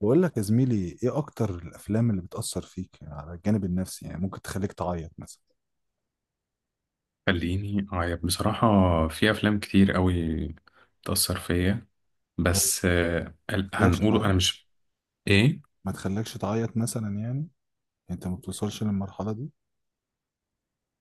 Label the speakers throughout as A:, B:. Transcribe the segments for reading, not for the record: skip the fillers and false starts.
A: بقول لك يا زميلي، ايه اكتر الافلام اللي بتأثر فيك على الجانب النفسي؟ يعني ممكن تخليك تعيط مثلا
B: خليني أعيط بصراحة. في أفلام كتير قوي بتأثر فيا.
A: او
B: بس
A: ما تخليكش
B: هنقوله أنا
A: تعيط
B: مش. إيه؟
A: ما تخليكش تعيط مثلا يعني، انت ما بتوصلش للمرحلة دي؟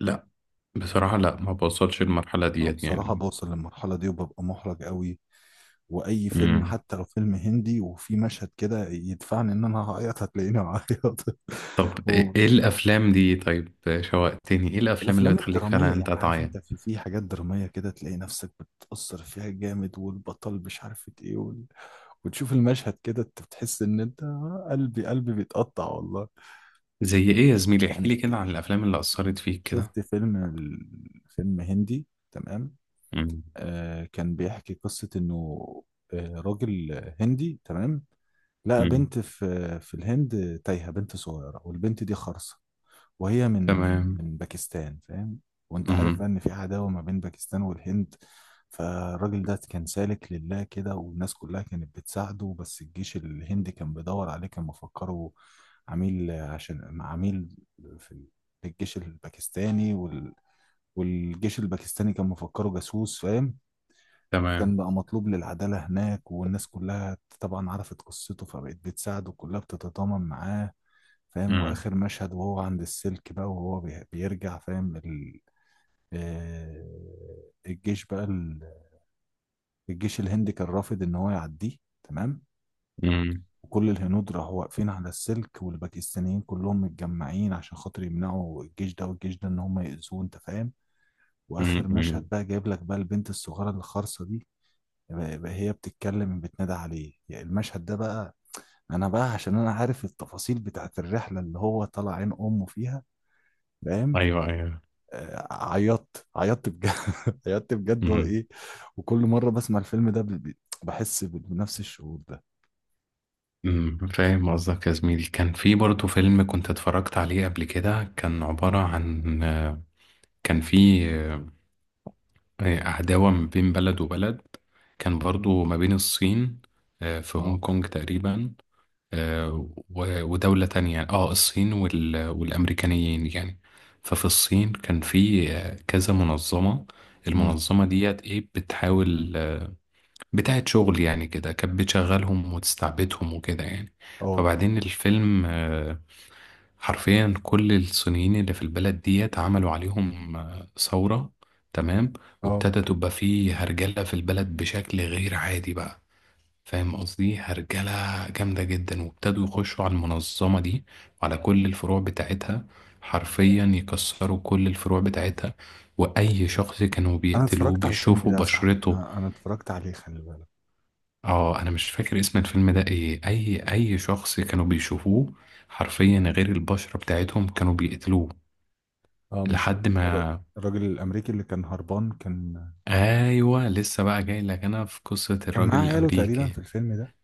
B: لا. بصراحة لا، ما بوصلش للمرحلة
A: انا
B: ديت
A: بصراحة
B: يعني.
A: بوصل للمرحلة دي وببقى محرج قوي. واي فيلم
B: مم.
A: حتى لو فيلم هندي وفي مشهد كده يدفعني ان انا هعيط هتلاقيني بعيط.
B: طب إيه إيه الأفلام دي؟ طيب شوقتني، إيه الأفلام اللي
A: والافلام
B: بتخليك فعلا
A: الدرامية، يعني
B: أنت
A: عارف
B: تعيط؟
A: انت، في حاجات درامية كده تلاقي نفسك بتأثر فيها جامد، والبطل مش عارف ايه. وتشوف المشهد كده انت بتحس ان انت، قلبي قلبي بيتقطع والله.
B: زي إيه يا زميلي؟ احكيلي
A: يعني
B: كده عن الأفلام اللي
A: يعني
B: أثرت فيك كده.
A: شفت فيلم فيلم هندي تمام.
B: مم.
A: كان بيحكي قصة انه راجل هندي تمام لقى
B: مم.
A: بنت في الهند، تايهة، بنت صغيرة، والبنت دي خرسة. وهي من من
B: تمام.
A: من باكستان، فاهم. وانت عارف
B: مم.
A: بقى ان في عداوة ما بين باكستان والهند. فالراجل ده كان سالك لله كده، والناس كلها كانت بتساعده، بس الجيش الهندي كان بيدور عليه، كان مفكره عميل، عشان عميل في الجيش الباكستاني، والجيش الباكستاني كان مفكره جاسوس، فاهم. كان
B: تمام.
A: بقى مطلوب للعدالة هناك، والناس كلها طبعا عرفت قصته فبقت بتساعده، كلها بتتضامن معاه، فاهم.
B: مم.
A: واخر مشهد وهو عند السلك بقى، وهو بيرجع، فاهم ال... آه، الجيش بقى الجيش الهندي كان رافض ان هو يعديه، تمام.
B: مم.
A: وكل الهنود راحوا واقفين على السلك، والباكستانيين كلهم متجمعين عشان خاطر يمنعوا الجيش ده والجيش ده ان هم يأذوه، انت فاهم.
B: مم.
A: واخر
B: مم.
A: مشهد بقى جايب لك بقى البنت الصغيره الخرصه دي، بقى هي بتتكلم، بتنادى عليه، يعني المشهد ده بقى، انا بقى عشان انا عارف التفاصيل بتاعت الرحله اللي هو طلع عين امه فيها، فاهم.
B: أيوه أيوه.
A: آه، عيطت عيطت بجد. عيطت بجد هو ايه. وكل مره بسمع الفيلم ده بحس بنفس الشعور ده.
B: فاهم قصدك يا زميلي. كان في برضه فيلم كنت اتفرجت عليه قبل كده، كان عبارة عن كان في عداوة ما بين بلد وبلد. كان برضه ما بين الصين، في
A: اه.
B: هونج كونج تقريبا. آه، ودولة تانية، اه الصين وال- والأمريكانيين يعني. ففي الصين كان في كذا منظمة.
A: امم.
B: المنظمة ديت ايه بتحاول، بتاعة شغل يعني، كده كانت بتشغلهم وتستعبدهم وكده يعني.
A: اه.
B: فبعدين الفيلم حرفيا كل الصينيين اللي في البلد ديت عملوا عليهم ثورة. تمام.
A: اه.
B: وابتدى تبقى فيه هرجلة في البلد بشكل غير عادي بقى، فاهم قصدي؟ هرجلة جامدة جدا، وابتدوا
A: اه.
B: يخشوا على المنظمة دي وعلى كل الفروع بتاعتها، حرفيا يكسروا كل الفروع بتاعتها. وأي شخص كانوا
A: انا
B: بيقتلوه
A: اتفرجت على الفيلم
B: بيشوفوا
A: ده يا صاحبي،
B: بشرته.
A: انا اتفرجت عليه، خلي بالك.
B: اه، انا مش فاكر اسم الفيلم ده ايه. اي شخص كانوا بيشوفوه حرفيا غير البشرة بتاعتهم كانوا بيقتلوه
A: اه، مش اللي
B: لحد
A: هو
B: ما...
A: الراجل الامريكي اللي كان هربان،
B: ايوه، لسه بقى جاي لك، انا في قصة
A: كان
B: الراجل
A: معاه عياله تقريبا
B: الامريكي.
A: في الفيلم ده؟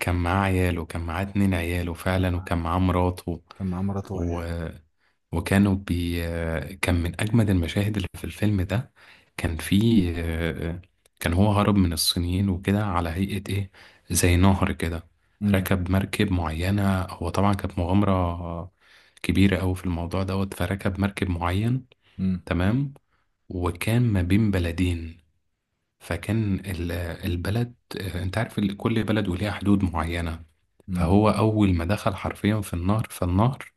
B: كان معاه عياله، كان معاه
A: اه،
B: اتنين عياله
A: كان
B: فعلا،
A: معاه
B: وكان معاه مراته.
A: كان معاه مراته وعياله.
B: وكانوا بي كان من أجمد المشاهد اللي في الفيلم ده. كان في، كان هو هرب من الصينيين وكده على هيئة إيه، زي نهر كده.
A: امم.
B: ركب مركب معينة، هو طبعا كانت مغامرة كبيرة أوي في الموضوع دوت، فركب مركب معين.
A: امم.
B: تمام. وكان ما بين بلدين، فكان ال- البلد، أنت عارف كل بلد وليها حدود معينة.
A: امم.
B: فهو أول ما دخل حرفيا في النهر، فالنهر،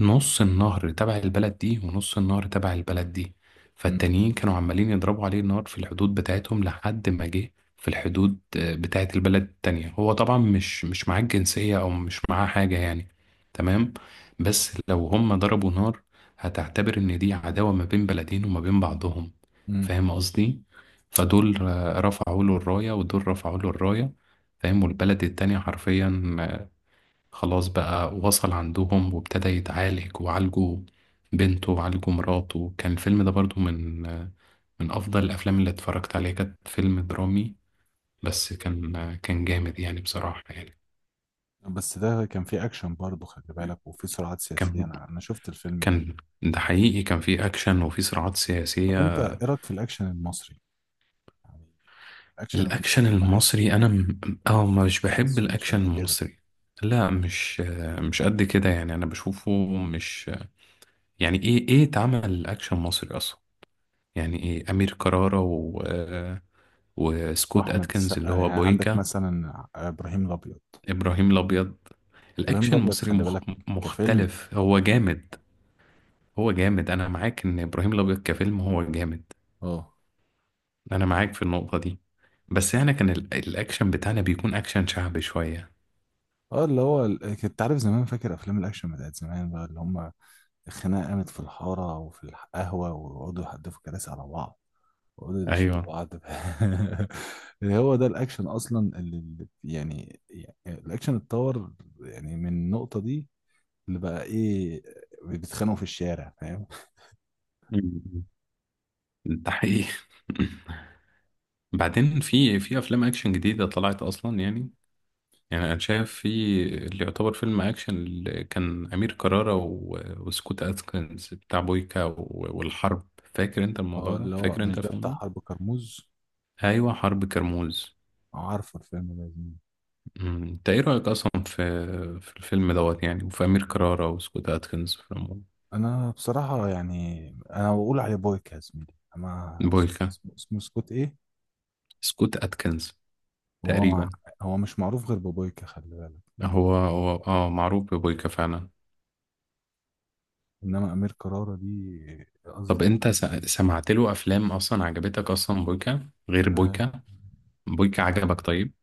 B: نص النهر تبع البلد دي ونص النهر تبع البلد دي.
A: امم.
B: فالتانيين كانوا عمالين يضربوا عليه النار في الحدود بتاعتهم، لحد ما جه في الحدود بتاعت البلد التانية. هو طبعا مش معاه الجنسية أو مش معاه حاجة يعني. تمام. بس لو هم ضربوا نار، هتعتبر إن دي عداوة ما بين بلدين وما بين بعضهم،
A: امم.
B: فاهم قصدي؟ فدول رفعوا له الراية، ودول رفعوا له الراية، فاهم. والبلد التانية حرفيا خلاص بقى، وصل عندهم وابتدى يتعالج، وعالجوا بنته وعالجوا مراته. كان الفيلم ده برضو من من أفضل الأفلام اللي اتفرجت عليها، كانت فيلم درامي بس كان جامد يعني بصراحة يعني.
A: بس ده كان فيه اكشن برضه، خلي بالك، وفيه صراعات سياسيه.
B: كان
A: انا شفت الفيلم ده.
B: كان ده حقيقي، كان فيه أكشن وفيه صراعات
A: طب
B: سياسية.
A: انت ايه رايك في الاكشن المصري؟ يعني الاكشن
B: الأكشن
A: المصري
B: المصري
A: بحسه،
B: أنا أه مش بحب
A: مش
B: الأكشن
A: قد كده.
B: المصري. لا، مش مش قد كده يعني، أنا بشوفه مش، يعني إيه إيه اتعمل أكشن مصري أصلا؟ يعني ايه؟ امير كرارة و... وسكوت
A: واحمد
B: اتكنز اللي
A: السقا،
B: هو
A: يعني عندك
B: بويكا.
A: مثلا ابراهيم الابيض.
B: ابراهيم الابيض.
A: ابراهيم
B: الاكشن
A: الابيض
B: المصري
A: خلي بالك، كفيلم.
B: مختلف، هو جامد. هو جامد، انا معاك ان ابراهيم الابيض كفيلم هو جامد.
A: اه.
B: انا معاك في النقطة دي. بس احنا كان الاكشن بتاعنا بيكون اكشن شعبي شوية.
A: اه، اللي هو كنت عارف زمان، فاكر افلام الاكشن بتاعت زمان بقى، اللي هم الخناقه قامت في الحاره وفي القهوه ويقعدوا يحدفوا كراسي على بعض ويقعدوا يدشوا
B: ايوه.
A: بعض. اللي هو ده الاكشن اصلا، يعني الاكشن اتطور يعني من النقطه دي، اللي بقى ايه، بيتخانقوا في الشارع، فاهم.
B: مم. ده حقيقي. بعدين في افلام اكشن جديدة طلعت اصلا يعني. يعني انا شايف في، اللي يعتبر فيلم اكشن اللي كان امير كرارة و... وسكوت اتكنز بتاع بويكا و... والحرب، فاكر انت الموضوع
A: هو
B: ده؟
A: اللي هو
B: فاكر انت
A: مش ده بتاع
B: فاهمه؟
A: حرب كرموز؟
B: ايوه حرب كرموز.
A: عارفه الفيلم ده يا زميلي.
B: انت ايه رايك اصلا في الفيلم دوت يعني، وفي امير كرارة وسكوت اتكنز في العموم؟
A: انا بصراحة يعني انا بقول عليه بويكا يا زميلي، اما
B: بويكا.
A: اسمه سكوت ايه.
B: سكوت اتكنز
A: هو مع...
B: تقريبا.
A: هو مش معروف غير ببويكا، خلي بالك.
B: هو اه معروف ببويكا فعلا.
A: انما امير كرارة دي
B: طب
A: قصدي.
B: انت سمعت له افلام اصلا عجبتك اصلا؟ بويكا غير
A: آه،
B: بويكا؟ بويكا عجبك طيب؟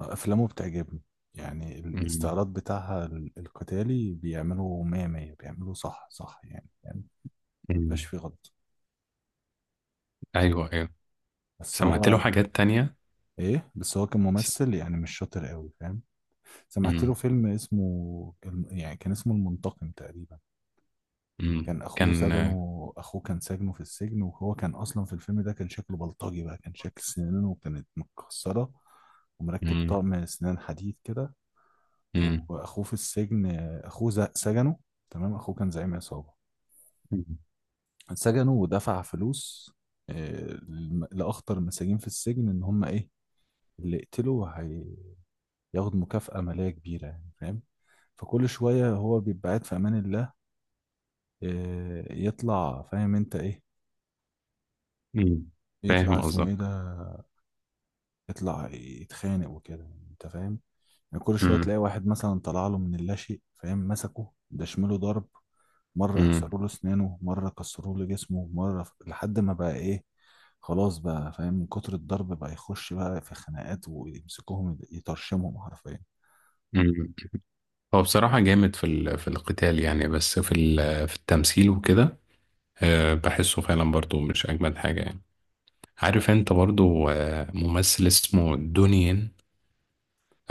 A: افلامه بتعجبني، يعني
B: أمم.
A: الاستعراض بتاعها القتالي، بيعملوا مية مية، بيعملوا صح صح، يعني ما بيبقاش فيه غلط.
B: ايوه ايوه.
A: بس
B: سمعت له
A: هو
B: حاجات تانية.
A: بس هو
B: س...
A: كممثل يعني مش شاطر قوي، فاهم. سمعت له
B: مم.
A: فيلم اسمه، يعني كان اسمه المنتقم تقريبا.
B: مم.
A: كان اخوه
B: كان،
A: سجنه، اخوه كان سجنه في السجن، وهو كان اصلا في الفيلم ده كان شكله بلطجي بقى، كان شكل سنانه كانت متكسره ومركب
B: مم.
A: طقم سنان حديد كده.
B: مم.
A: واخوه في السجن، اخوه سجنه، تمام، اخوه كان زعيم عصابه، سجنه ودفع فلوس، لاخطر المساجين في السجن ان هم ايه، اللي يقتله ياخد مكافأة مالية كبيرة، يعني فاهم. فكل شوية هو بيبقى قاعد في أمان الله، يطلع فاهم أنت إيه،
B: مم.
A: يطلع
B: فاهم
A: اسمه
B: قصدك.
A: إيه ده، يطلع يتخانق وكده، أنت فاهم. يعني كل شوية
B: مم.
A: تلاقي واحد مثلا طلع له من اللاشيء، فاهم، مسكه دشمله ضرب. مرة
B: مم.
A: يكسروا له أسنانه، مرة كسروا له جسمه، لحد ما بقى إيه، خلاص بقى، فاهم، من كتر الضرب بقى يخش بقى في خناقات ويمسكوهم يطرشمهم حرفيا.
B: مم. هو بصراحة جامد في في القتال يعني، بس في في التمثيل وكده بحسه فعلا برضو مش أجمد حاجة يعني. عارف انت برضو ممثل اسمه دونيين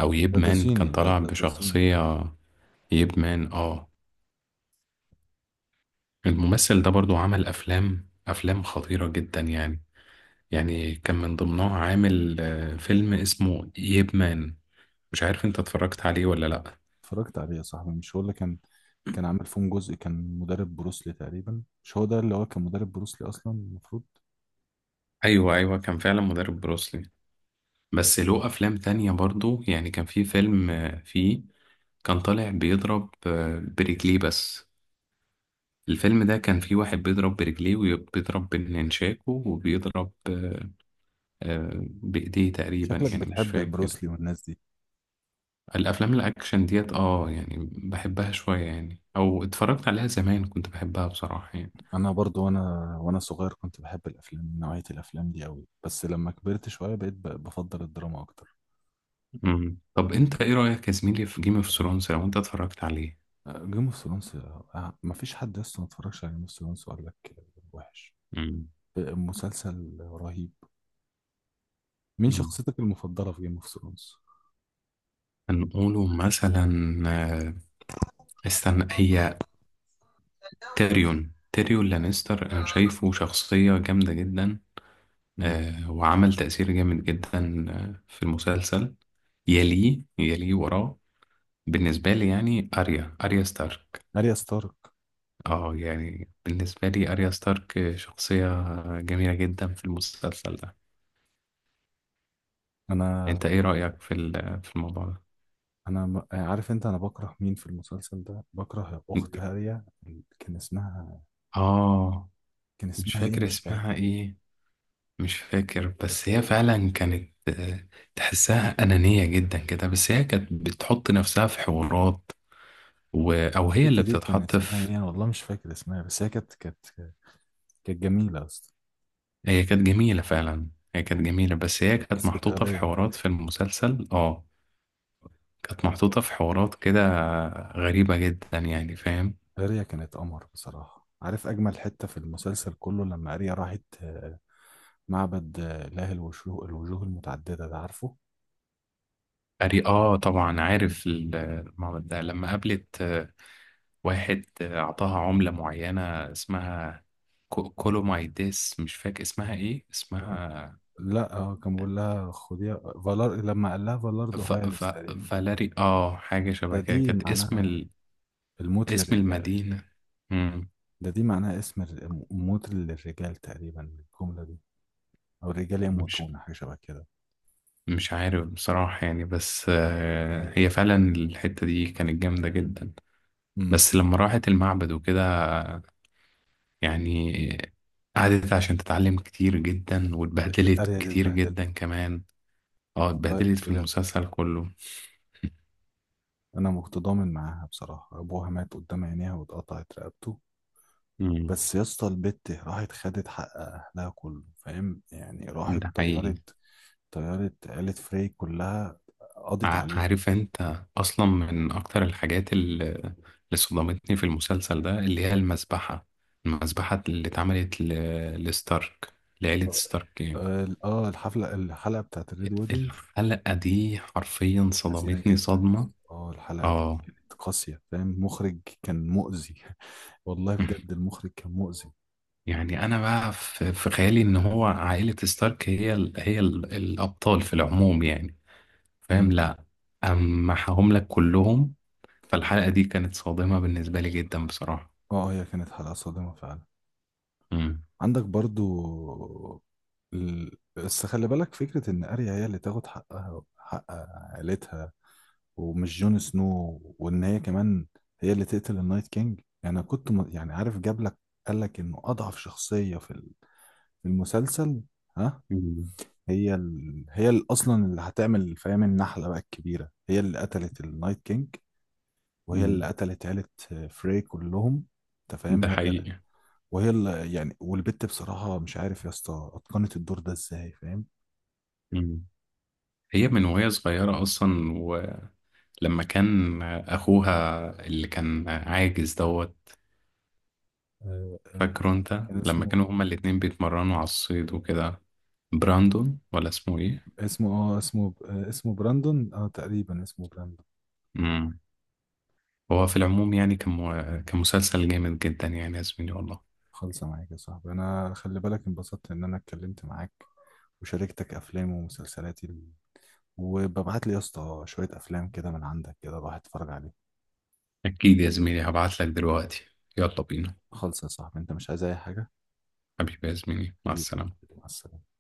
B: او
A: ده
B: ييب
A: ده
B: مان،
A: صيني،
B: كان
A: ده
B: طالع
A: ده ده صيني.
B: بشخصية ييب مان اه. الممثل ده برضو عمل افلام خطيرة جدا يعني. يعني كان من ضمنها عامل فيلم اسمه ييب مان، مش عارف انت اتفرجت عليه ولا لأ.
A: اتفرجت عليه يا صاحبي، مش هو اللي كان عامل فيهم جزء، كان مدرب بروسلي تقريبا؟ مش هو ده اللي هو كان مدرب بروسلي اصلا المفروض؟
B: ايوه ايوه، كان فعلا مدرب بروسلي. بس له افلام تانية برضو يعني. كان في فيلم فيه كان طالع بيضرب برجليه بس. الفيلم ده كان فيه واحد بيضرب برجليه وبيضرب بالنشاكو وبيضرب بإيديه تقريبا
A: شكلك
B: يعني، مش
A: بتحب
B: فاكر.
A: بروسلي والناس دي.
B: الأفلام الأكشن ديت اه يعني، بحبها شوية يعني، أو اتفرجت عليها زمان كنت بحبها بصراحة يعني.
A: انا برضو، وانا صغير كنت بحب الافلام، نوعية الافلام دي قوي، بس لما كبرت شوية بقيت بفضل الدراما اكتر.
B: مم. طب انت ايه رأيك يا زميلي في جيم اوف ثرونز، لو انت اتفرجت عليه؟
A: جيم اوف ثرونز. مفيش حد لسه ما اتفرجش على جيم اوف ثرونز وقال لك وحش.
B: مم.
A: مسلسل رهيب. مين
B: مم.
A: شخصيتك المفضلة في جيم اوف ثرونز؟
B: هنقوله مثلا آه، استنى، هي تيريون، تيريون لانستر، انا شايفه شخصية جامدة جدا وعمل تأثير جامد جدا في المسلسل. يليه وراه بالنسبة لي يعني أريا، أريا ستارك.
A: اريا ستارك.
B: اه يعني بالنسبة لي أريا ستارك شخصية جميلة جدا في المسلسل ده.
A: انا
B: انت ايه رأيك في في الموضوع ده؟
A: انا م- آه، عارف انت، انا بكره مين في المسلسل ده؟ بكره اخت هاريا،
B: اه.
A: كان
B: مش
A: اسمها ايه
B: فاكر
A: مش
B: اسمها
A: فاكر.
B: ايه، مش فاكر. بس هي فعلا كانت تحسها أنانية جدا كده، بس هي كانت بتحط نفسها في حوارات، و... أو هي
A: البت
B: اللي
A: دي كان
B: بتتحط
A: اسمها ايه،
B: في.
A: انا والله مش فاكر اسمها، بس هي كانت جميله اصلا،
B: هي كانت جميلة فعلا. هي كانت جميلة، بس هي كانت
A: بس كانت
B: محطوطة في
A: غبيه.
B: حوارات في المسلسل اه. كانت محطوطة في حوارات كده غريبة جدا يعني، فاهم.
A: هاريا كانت قمر بصراحه. عارف اجمل حته في المسلسل كله؟ لما هاريا راحت معبد اله الوجوه المتعدده ده، عارفه.
B: أري اه، طبعا عارف المعبد ده. لما قابلت واحد أعطاها عملة معينة اسمها كولومايديس، مش فاكر اسمها ايه، اسمها
A: لا، هو كان بيقول لها خديها، فالار، لما قال لها فالاردو
B: ف... ف...
A: هايرس تقريبا.
B: فالاري اه، حاجة شبه كده،
A: دي
B: كانت اسم
A: معناها الموت
B: اسم
A: للرجال.
B: المدينة. مم.
A: ده دي معناها اسم الر- موت للرجال تقريبا، الجملة دي، أو الرجال
B: مش
A: يموتون، حاجة شبه كده.
B: مش عارف بصراحة يعني، بس هي فعلا الحتة دي كانت جامدة جدا.
A: امم.
B: بس لما راحت المعبد وكده يعني، قعدت عشان تتعلم كتير جدا واتبهدلت
A: أريا دي
B: كتير
A: اتبهدلت،
B: جدا كمان. اه،
A: طيب
B: اتبهدلت في
A: بجد.
B: المسلسل كله.
A: أنا متضامن معاها بصراحة، أبوها مات قدام عينيها واتقطعت رقبته.
B: مم.
A: بس يا اسطى، البت راحت خدت حق أهلها كله، فاهم يعني. راحت
B: ده حقيقي.
A: طيرت عيلة فري كلها، قضت عليهم.
B: عارف انت اصلا من اكتر الحاجات اللي صدمتني في المسلسل ده، اللي هي المذبحة، المذبحة اللي اتعملت لستارك، لعيلة
A: اه.
B: ستارك يعني.
A: آه، الحفلة الحلقة بتاعت الريد ويدنج،
B: الحلقة دي حرفيا
A: حزينة
B: صدمتني
A: جدا يا اسطى.
B: صدمة.
A: اه، الحلقة دي
B: اه،
A: كانت قاسية، فاهم، المخرج كان مؤذي. والله بجد المخرج كان مؤذي.
B: يعني انا بقى في خيالي ان هو عائلة ستارك هي الابطال في العموم يعني،
A: امم.
B: فاهم؟ لا، اما محاهم لك كلهم، فالحلقة دي كانت صادمة بالنسبة لي جدا بصراحة.
A: اه، هي كانت حلقة صادمة فعلا.
B: امم.
A: عندك برضو بس خلي بالك فكرة إن أريا هي اللي تاخد حقها، حق عائلتها، ومش جون سنو، وإن هي كمان هي اللي تقتل النايت كينج، يعني. أنا كنت يعني عارف، جاب لك قال لك إنه أضعف شخصية في في المسلسل، ها.
B: مم.
A: اصلا اللي هتعمل، فاهم، النحله بقى الكبيره هي اللي قتلت النايت كينج، وهي اللي
B: مم.
A: قتلت عيله فري كلهم، انت فاهم،
B: ده حقيقي.
A: وهي اللي يعني. والبت بصراحه، مش عارف يا اسطى اتقنت الدور ده ازاي، فاهم.
B: مم. هي من وهي صغيرة أصلا، ولما كان أخوها اللي كان عاجز دوت،
A: آه، آه،
B: فاكره أنت
A: كان
B: لما كانوا
A: اسمه
B: هما الاتنين بيتمرنوا على الصيد وكده، براندون ولا اسمه إيه؟
A: اسمه اه اسمه آه، اسمه براندون، اه تقريبا اسمه براندون.
B: مم. هو في العموم يعني كان مسلسل جامد جدا يعني يا زميلي والله.
A: خلصة معاك يا صاحبي انا، خلي بالك، انبسطت ان انا اتكلمت معاك وشاركتك افلام ومسلسلاتي، وببعت لي يا اسطى شوية افلام كده من عندك كده الواحد اتفرج عليها.
B: أكيد يا زميلي، هبعتلك دلوقتي. يلا بينا.
A: خلص يا صاحبي، انت مش عايز اي حاجة؟
B: حبيبي يا زميلي، مع
A: حبيبي،
B: السلامة.
A: مع السلامة.